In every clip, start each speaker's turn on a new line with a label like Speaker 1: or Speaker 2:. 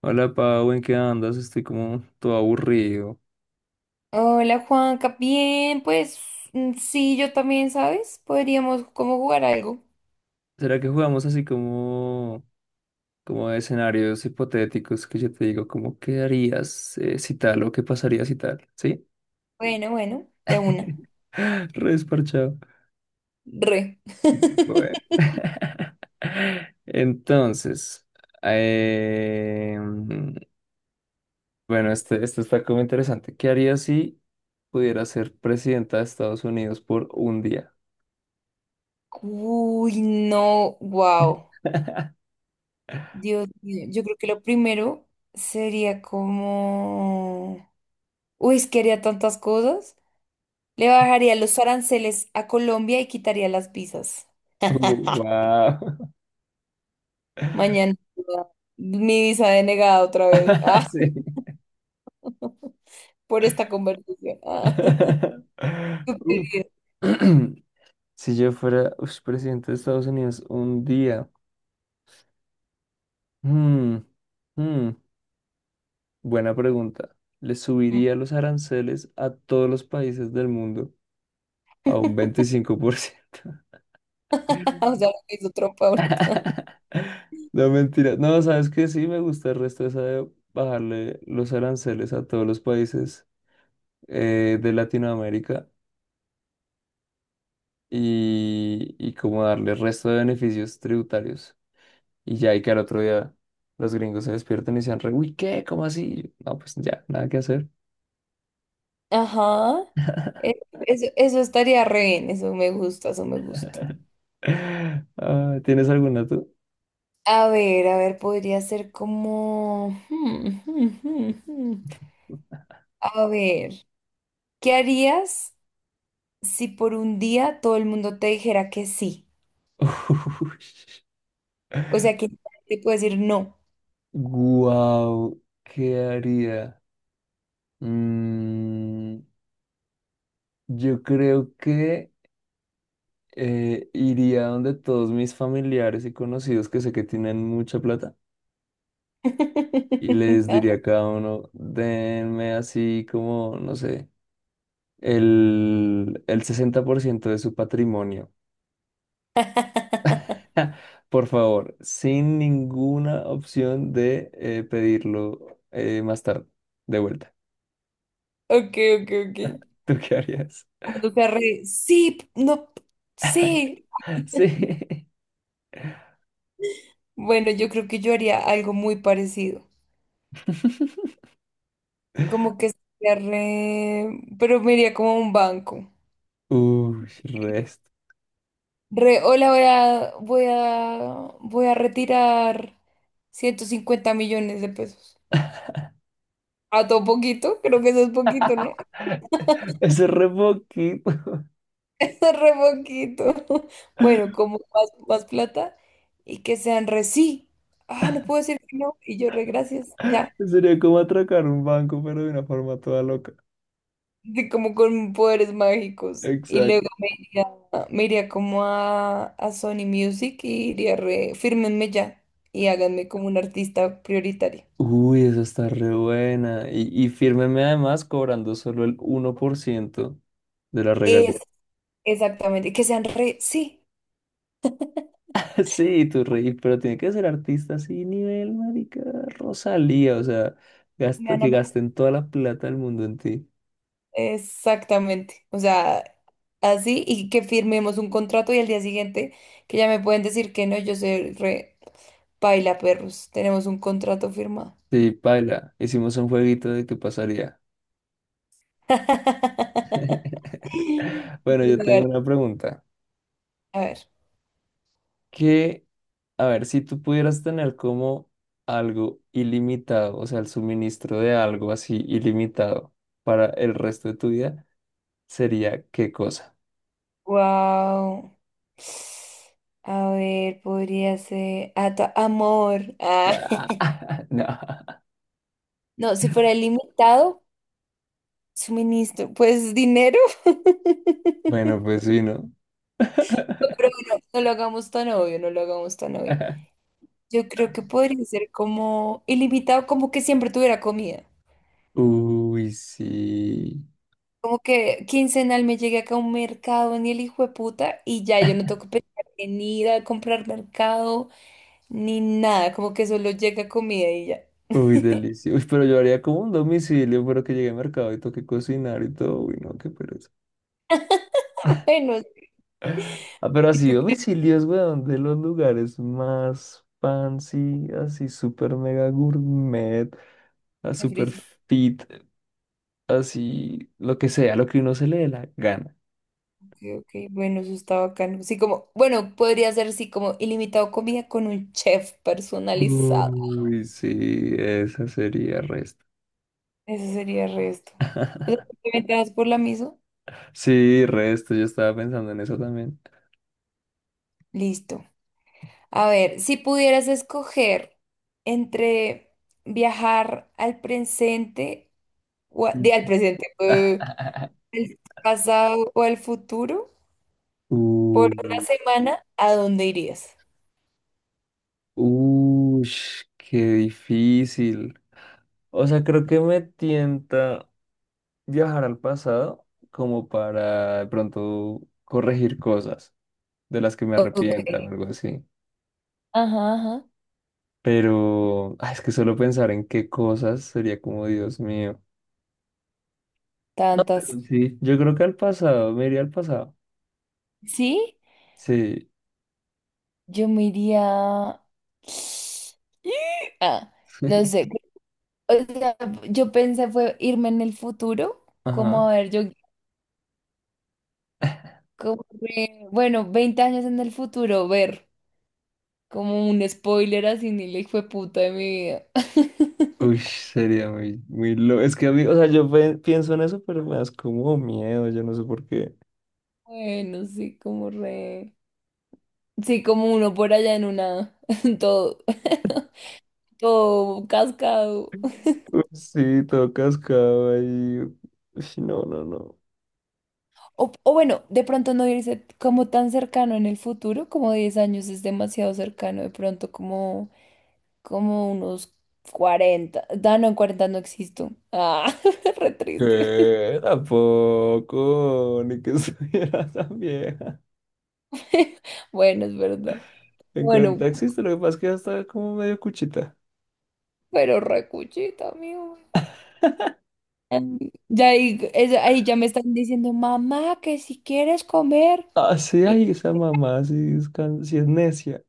Speaker 1: Hola Pau, ¿en qué andas? Estoy como todo aburrido.
Speaker 2: Hola Juanca, bien, pues sí, yo también, ¿sabes? Podríamos como jugar algo.
Speaker 1: ¿Será que jugamos así como, como de escenarios hipotéticos que yo te digo, como qué harías si tal o qué pasaría si tal? ¿Sí?
Speaker 2: Bueno, bueno, de una.
Speaker 1: Re desparchado.
Speaker 2: Re.
Speaker 1: Bueno. Entonces, eh, bueno, este está como interesante. ¿Qué harías si pudiera ser presidenta de Estados Unidos por un día?
Speaker 2: Uy, no, wow. Dios mío, yo creo que lo primero sería como... Uy, es que haría tantas cosas. Le bajaría los aranceles a Colombia y quitaría las visas.
Speaker 1: Wow.
Speaker 2: Mañana mi visa denegada otra vez. Ah, por esta conversación. Ah,
Speaker 1: Uh.
Speaker 2: estúpido.
Speaker 1: Si yo fuera presidente de Estados Unidos un día, mm, mm, buena pregunta. ¿Le subiría los aranceles a todos los países del mundo a un 25%?
Speaker 2: Ah, o sea, lo que hizo trompa ahorita.
Speaker 1: No, mentira. No, sabes que sí me gusta el resto esa de bajarle los aranceles a todos los países de Latinoamérica y como darle el resto de beneficios tributarios. Y ya, y que al otro día los gringos se despiertan y dicen, re, uy, ¿qué? ¿Cómo así? Y yo, no, pues ya, nada que hacer.
Speaker 2: Ajá. E- Eso, eso estaría re bien, eso me gusta, eso me gusta.
Speaker 1: Ah, ¿tienes alguna tú?
Speaker 2: A ver, podría ser como... A ver, ¿qué harías si por un día todo el mundo te dijera que sí?
Speaker 1: Uy.
Speaker 2: O sea, que te puede decir no.
Speaker 1: Guau, ¿qué haría? Mm, yo creo que iría donde todos mis familiares y conocidos que sé que tienen mucha plata y les diría a cada uno, denme así como, no sé, el 60% de su patrimonio. Por favor, sin ninguna opción de pedirlo más tarde, de vuelta.
Speaker 2: Ok, ok, ok.
Speaker 1: ¿Tú qué harías?
Speaker 2: Sí, no, sí.
Speaker 1: Sí.
Speaker 2: Bueno, yo creo que yo haría algo muy parecido. Como que sería re... Pero me iría como a un banco.
Speaker 1: Uy, resto.
Speaker 2: Re, hola, voy a retirar 150 millones de pesos. ¿A todo poquito? Creo que eso es poquito, ¿no?
Speaker 1: Ese re poquito.
Speaker 2: Eso es re poquito. Bueno, como más, más plata y que sean re sí. Ah, no puedo decir que no. Y yo re gracias. Ya.
Speaker 1: Sería como atracar un banco, pero de una forma toda loca.
Speaker 2: Sí, como con poderes mágicos. Y luego
Speaker 1: Exacto.
Speaker 2: me iría como a Sony Music y iría re, fírmenme ya y háganme como un artista prioritario.
Speaker 1: Uy, eso está re buena. Y fírmeme además cobrando solo el 1% de la regalía.
Speaker 2: Es exactamente, que sean re, sí,
Speaker 1: Sí, tu reí pero tiene que ser artista así, nivel, marica, Rosalía, o sea,
Speaker 2: me van a
Speaker 1: que
Speaker 2: meter-
Speaker 1: gasten toda la plata del mundo en ti.
Speaker 2: exactamente. O sea, así y que firmemos un contrato y al día siguiente que ya me pueden decir que no, yo soy re paila perros, tenemos un contrato firmado.
Speaker 1: Sí, paila, hicimos un jueguito de qué pasaría. Bueno, yo tengo una pregunta.
Speaker 2: A ver.
Speaker 1: Que, a ver, si tú pudieras tener como algo ilimitado, o sea, el suministro de algo así ilimitado para el resto de tu vida, ¿sería qué cosa?
Speaker 2: Wow. A ver, podría ser. Ah, amor. Ah.
Speaker 1: Ah, no.
Speaker 2: No, si fuera limitado, suministro, pues dinero. Pero
Speaker 1: Bueno, pues sí, ¿no?
Speaker 2: bueno, no lo hagamos tan obvio, no lo hagamos tan obvio. Yo creo que podría ser como ilimitado, como que siempre tuviera comida.
Speaker 1: Uy, sí.
Speaker 2: Como que quincenal me llegue acá a un mercado, ni el hijo de puta, y ya yo no tengo que pensar en ir a comprar mercado ni nada. Como que solo llega comida y ya.
Speaker 1: Uy, delicioso. Uy, pero yo haría como un domicilio, pero que llegue al mercado y toque cocinar y todo. Uy, no, qué pereza.
Speaker 2: Bueno,
Speaker 1: Ah, pero
Speaker 2: ¿y
Speaker 1: así
Speaker 2: tú?
Speaker 1: domicilios, weón, de los lugares más fancy, así super mega gourmet, a
Speaker 2: De
Speaker 1: super
Speaker 2: frisbee.
Speaker 1: fit, así lo que sea, lo que uno se le dé la gana.
Speaker 2: Ok, ok, bueno, eso está bacano. Sí, como, bueno, podría ser así como ilimitado comida con un chef personalizado.
Speaker 1: Uy, sí, esa sería resto.
Speaker 2: Eso sería el resto. O sea, ¿te das por la misma?
Speaker 1: Sí, resto, yo estaba pensando en eso también.
Speaker 2: Listo. A ver, si pudieras escoger entre viajar al presente,
Speaker 1: Mm.
Speaker 2: al presente, al pasado o al futuro, por una
Speaker 1: Uh,
Speaker 2: semana, ¿a dónde irías?
Speaker 1: qué difícil. O sea, creo que me tienta viajar al pasado como para de pronto corregir cosas de las que me
Speaker 2: Ok.
Speaker 1: arrepienta o algo así.
Speaker 2: Ajá, ajá.
Speaker 1: Pero ah, es que solo pensar en qué cosas sería como Dios mío. No, pero
Speaker 2: Tantas.
Speaker 1: sí, yo creo que al pasado, me iría al pasado.
Speaker 2: ¿Sí?
Speaker 1: Sí.
Speaker 2: Yo me iría... Ah, no sé. O sea, yo pensé fue irme en el futuro,
Speaker 1: Ajá.
Speaker 2: como a ver, yo, como que, bueno, 20 años en el futuro, ver como un spoiler así, ni le fue puta de mi vida.
Speaker 1: Uy, sería muy, muy loco. Es que a mí, o sea, yo pienso en eso, pero me das como miedo, yo no sé por qué.
Speaker 2: Bueno, sí, como re... Sí, como uno por allá en una, todo, todo cascado.
Speaker 1: Uy, sí, todo cascado ahí. Uy, no, no, no.
Speaker 2: O bueno, de pronto no irse como tan cercano en el futuro, como 10 años es demasiado cercano, de pronto como, como unos cuarenta. Ah, no, en 40 no existo. Ah, re triste.
Speaker 1: ¿Qué? Tampoco, ni que estuviera tan vieja.
Speaker 2: Bueno, es verdad.
Speaker 1: En
Speaker 2: Bueno,
Speaker 1: 40 existe, lo que pasa es que ya está como medio cuchita.
Speaker 2: pero recuchita, amigo. Em, Ya ahí, ahí ya me están diciendo, mamá, que si quieres comer.
Speaker 1: Ah, sí,
Speaker 2: Y,
Speaker 1: ay, esa mamá, sí es, sí es necia.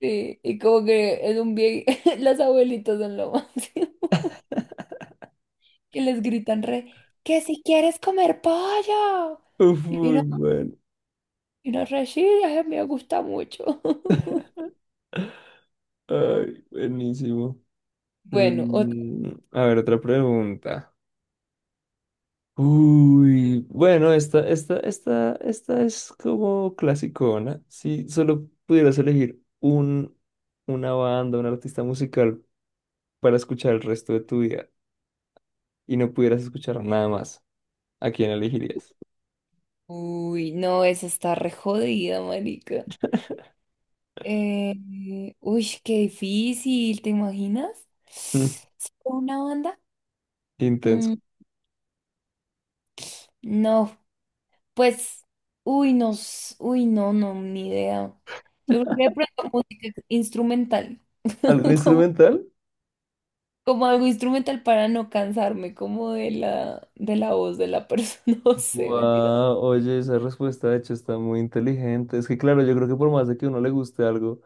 Speaker 2: y como que es un bien, las abuelitas son lo más. Que les gritan re, que si quieres comer pollo.
Speaker 1: Uf,
Speaker 2: Y uno,
Speaker 1: muy bueno.
Speaker 2: y uno re, "Sí, ay, me gusta mucho."
Speaker 1: Ay, buenísimo.
Speaker 2: Bueno, otra.
Speaker 1: A ver, otra pregunta. Uy, bueno, esta es como clasicona. Si solo pudieras elegir un, una banda, un artista musical para escuchar el resto de tu vida. Y no pudieras escuchar nada más, ¿a quién elegirías?
Speaker 2: Uy, no, esa está re jodida, marica. Uy, qué difícil, ¿te imaginas?
Speaker 1: Mm,
Speaker 2: ¿Solo una banda?
Speaker 1: intenso.
Speaker 2: Mm, no, pues, uy, no, uy, no, no, ni idea. Yo creo que de pronto música instrumental.
Speaker 1: ¿Algo
Speaker 2: Como
Speaker 1: instrumental?
Speaker 2: como algo instrumental para no cansarme, como de la voz de la persona, no sé, mentira.
Speaker 1: Wow, oye, esa respuesta de hecho está muy inteligente. Es que claro, yo creo que por más de que uno le guste algo,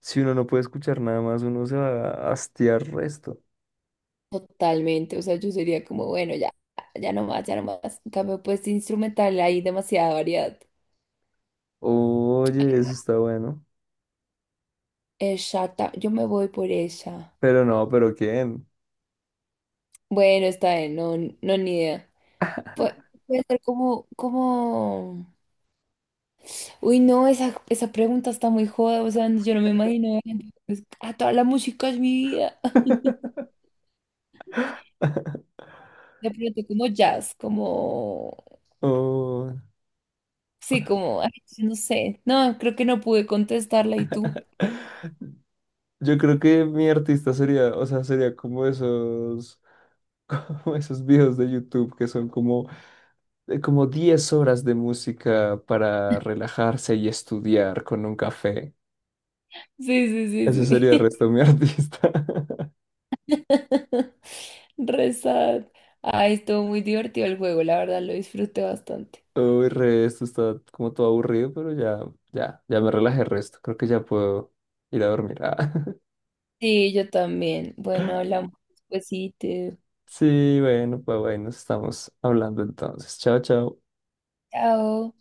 Speaker 1: si uno no puede escuchar nada más, uno se va a hastiar resto.
Speaker 2: Totalmente, o sea, yo sería como, bueno, ya, ya no más, ya no más. En cambio, pues instrumental hay demasiada variedad.
Speaker 1: Oye, eso está bueno.
Speaker 2: Exacta, yo me voy por ella.
Speaker 1: Pero no, pero ¿quién?
Speaker 2: Bueno, está bien, no, no, ni idea. Pu- Puede ser como, como... Uy, no, esa pregunta está muy joda, o sea, yo no me imagino. A toda la música es mi vida. De pronto como jazz, como...
Speaker 1: Oh,
Speaker 2: Sí, como, ay, yo no sé. No, creo que no pude contestarla. ¿Y tú?
Speaker 1: yo creo que mi artista sería, o sea, sería como esos, como esos videos de YouTube que son como como 10 horas de música para relajarse y estudiar con un café.
Speaker 2: Sí, sí,
Speaker 1: Ese
Speaker 2: sí,
Speaker 1: sería el
Speaker 2: sí.
Speaker 1: Resto de mi artista.
Speaker 2: Re sad. Ay, estuvo muy divertido el juego, la verdad lo disfruté bastante.
Speaker 1: Uy, Resto está como todo aburrido, pero ya, ya, ya me relajé el Resto. Creo que ya puedo ir a dormir. Ah.
Speaker 2: Sí, yo también. Bueno, hablamos despuesito.
Speaker 1: Sí, bueno, pues bueno, nos estamos hablando entonces. Chao, chao.
Speaker 2: Chao.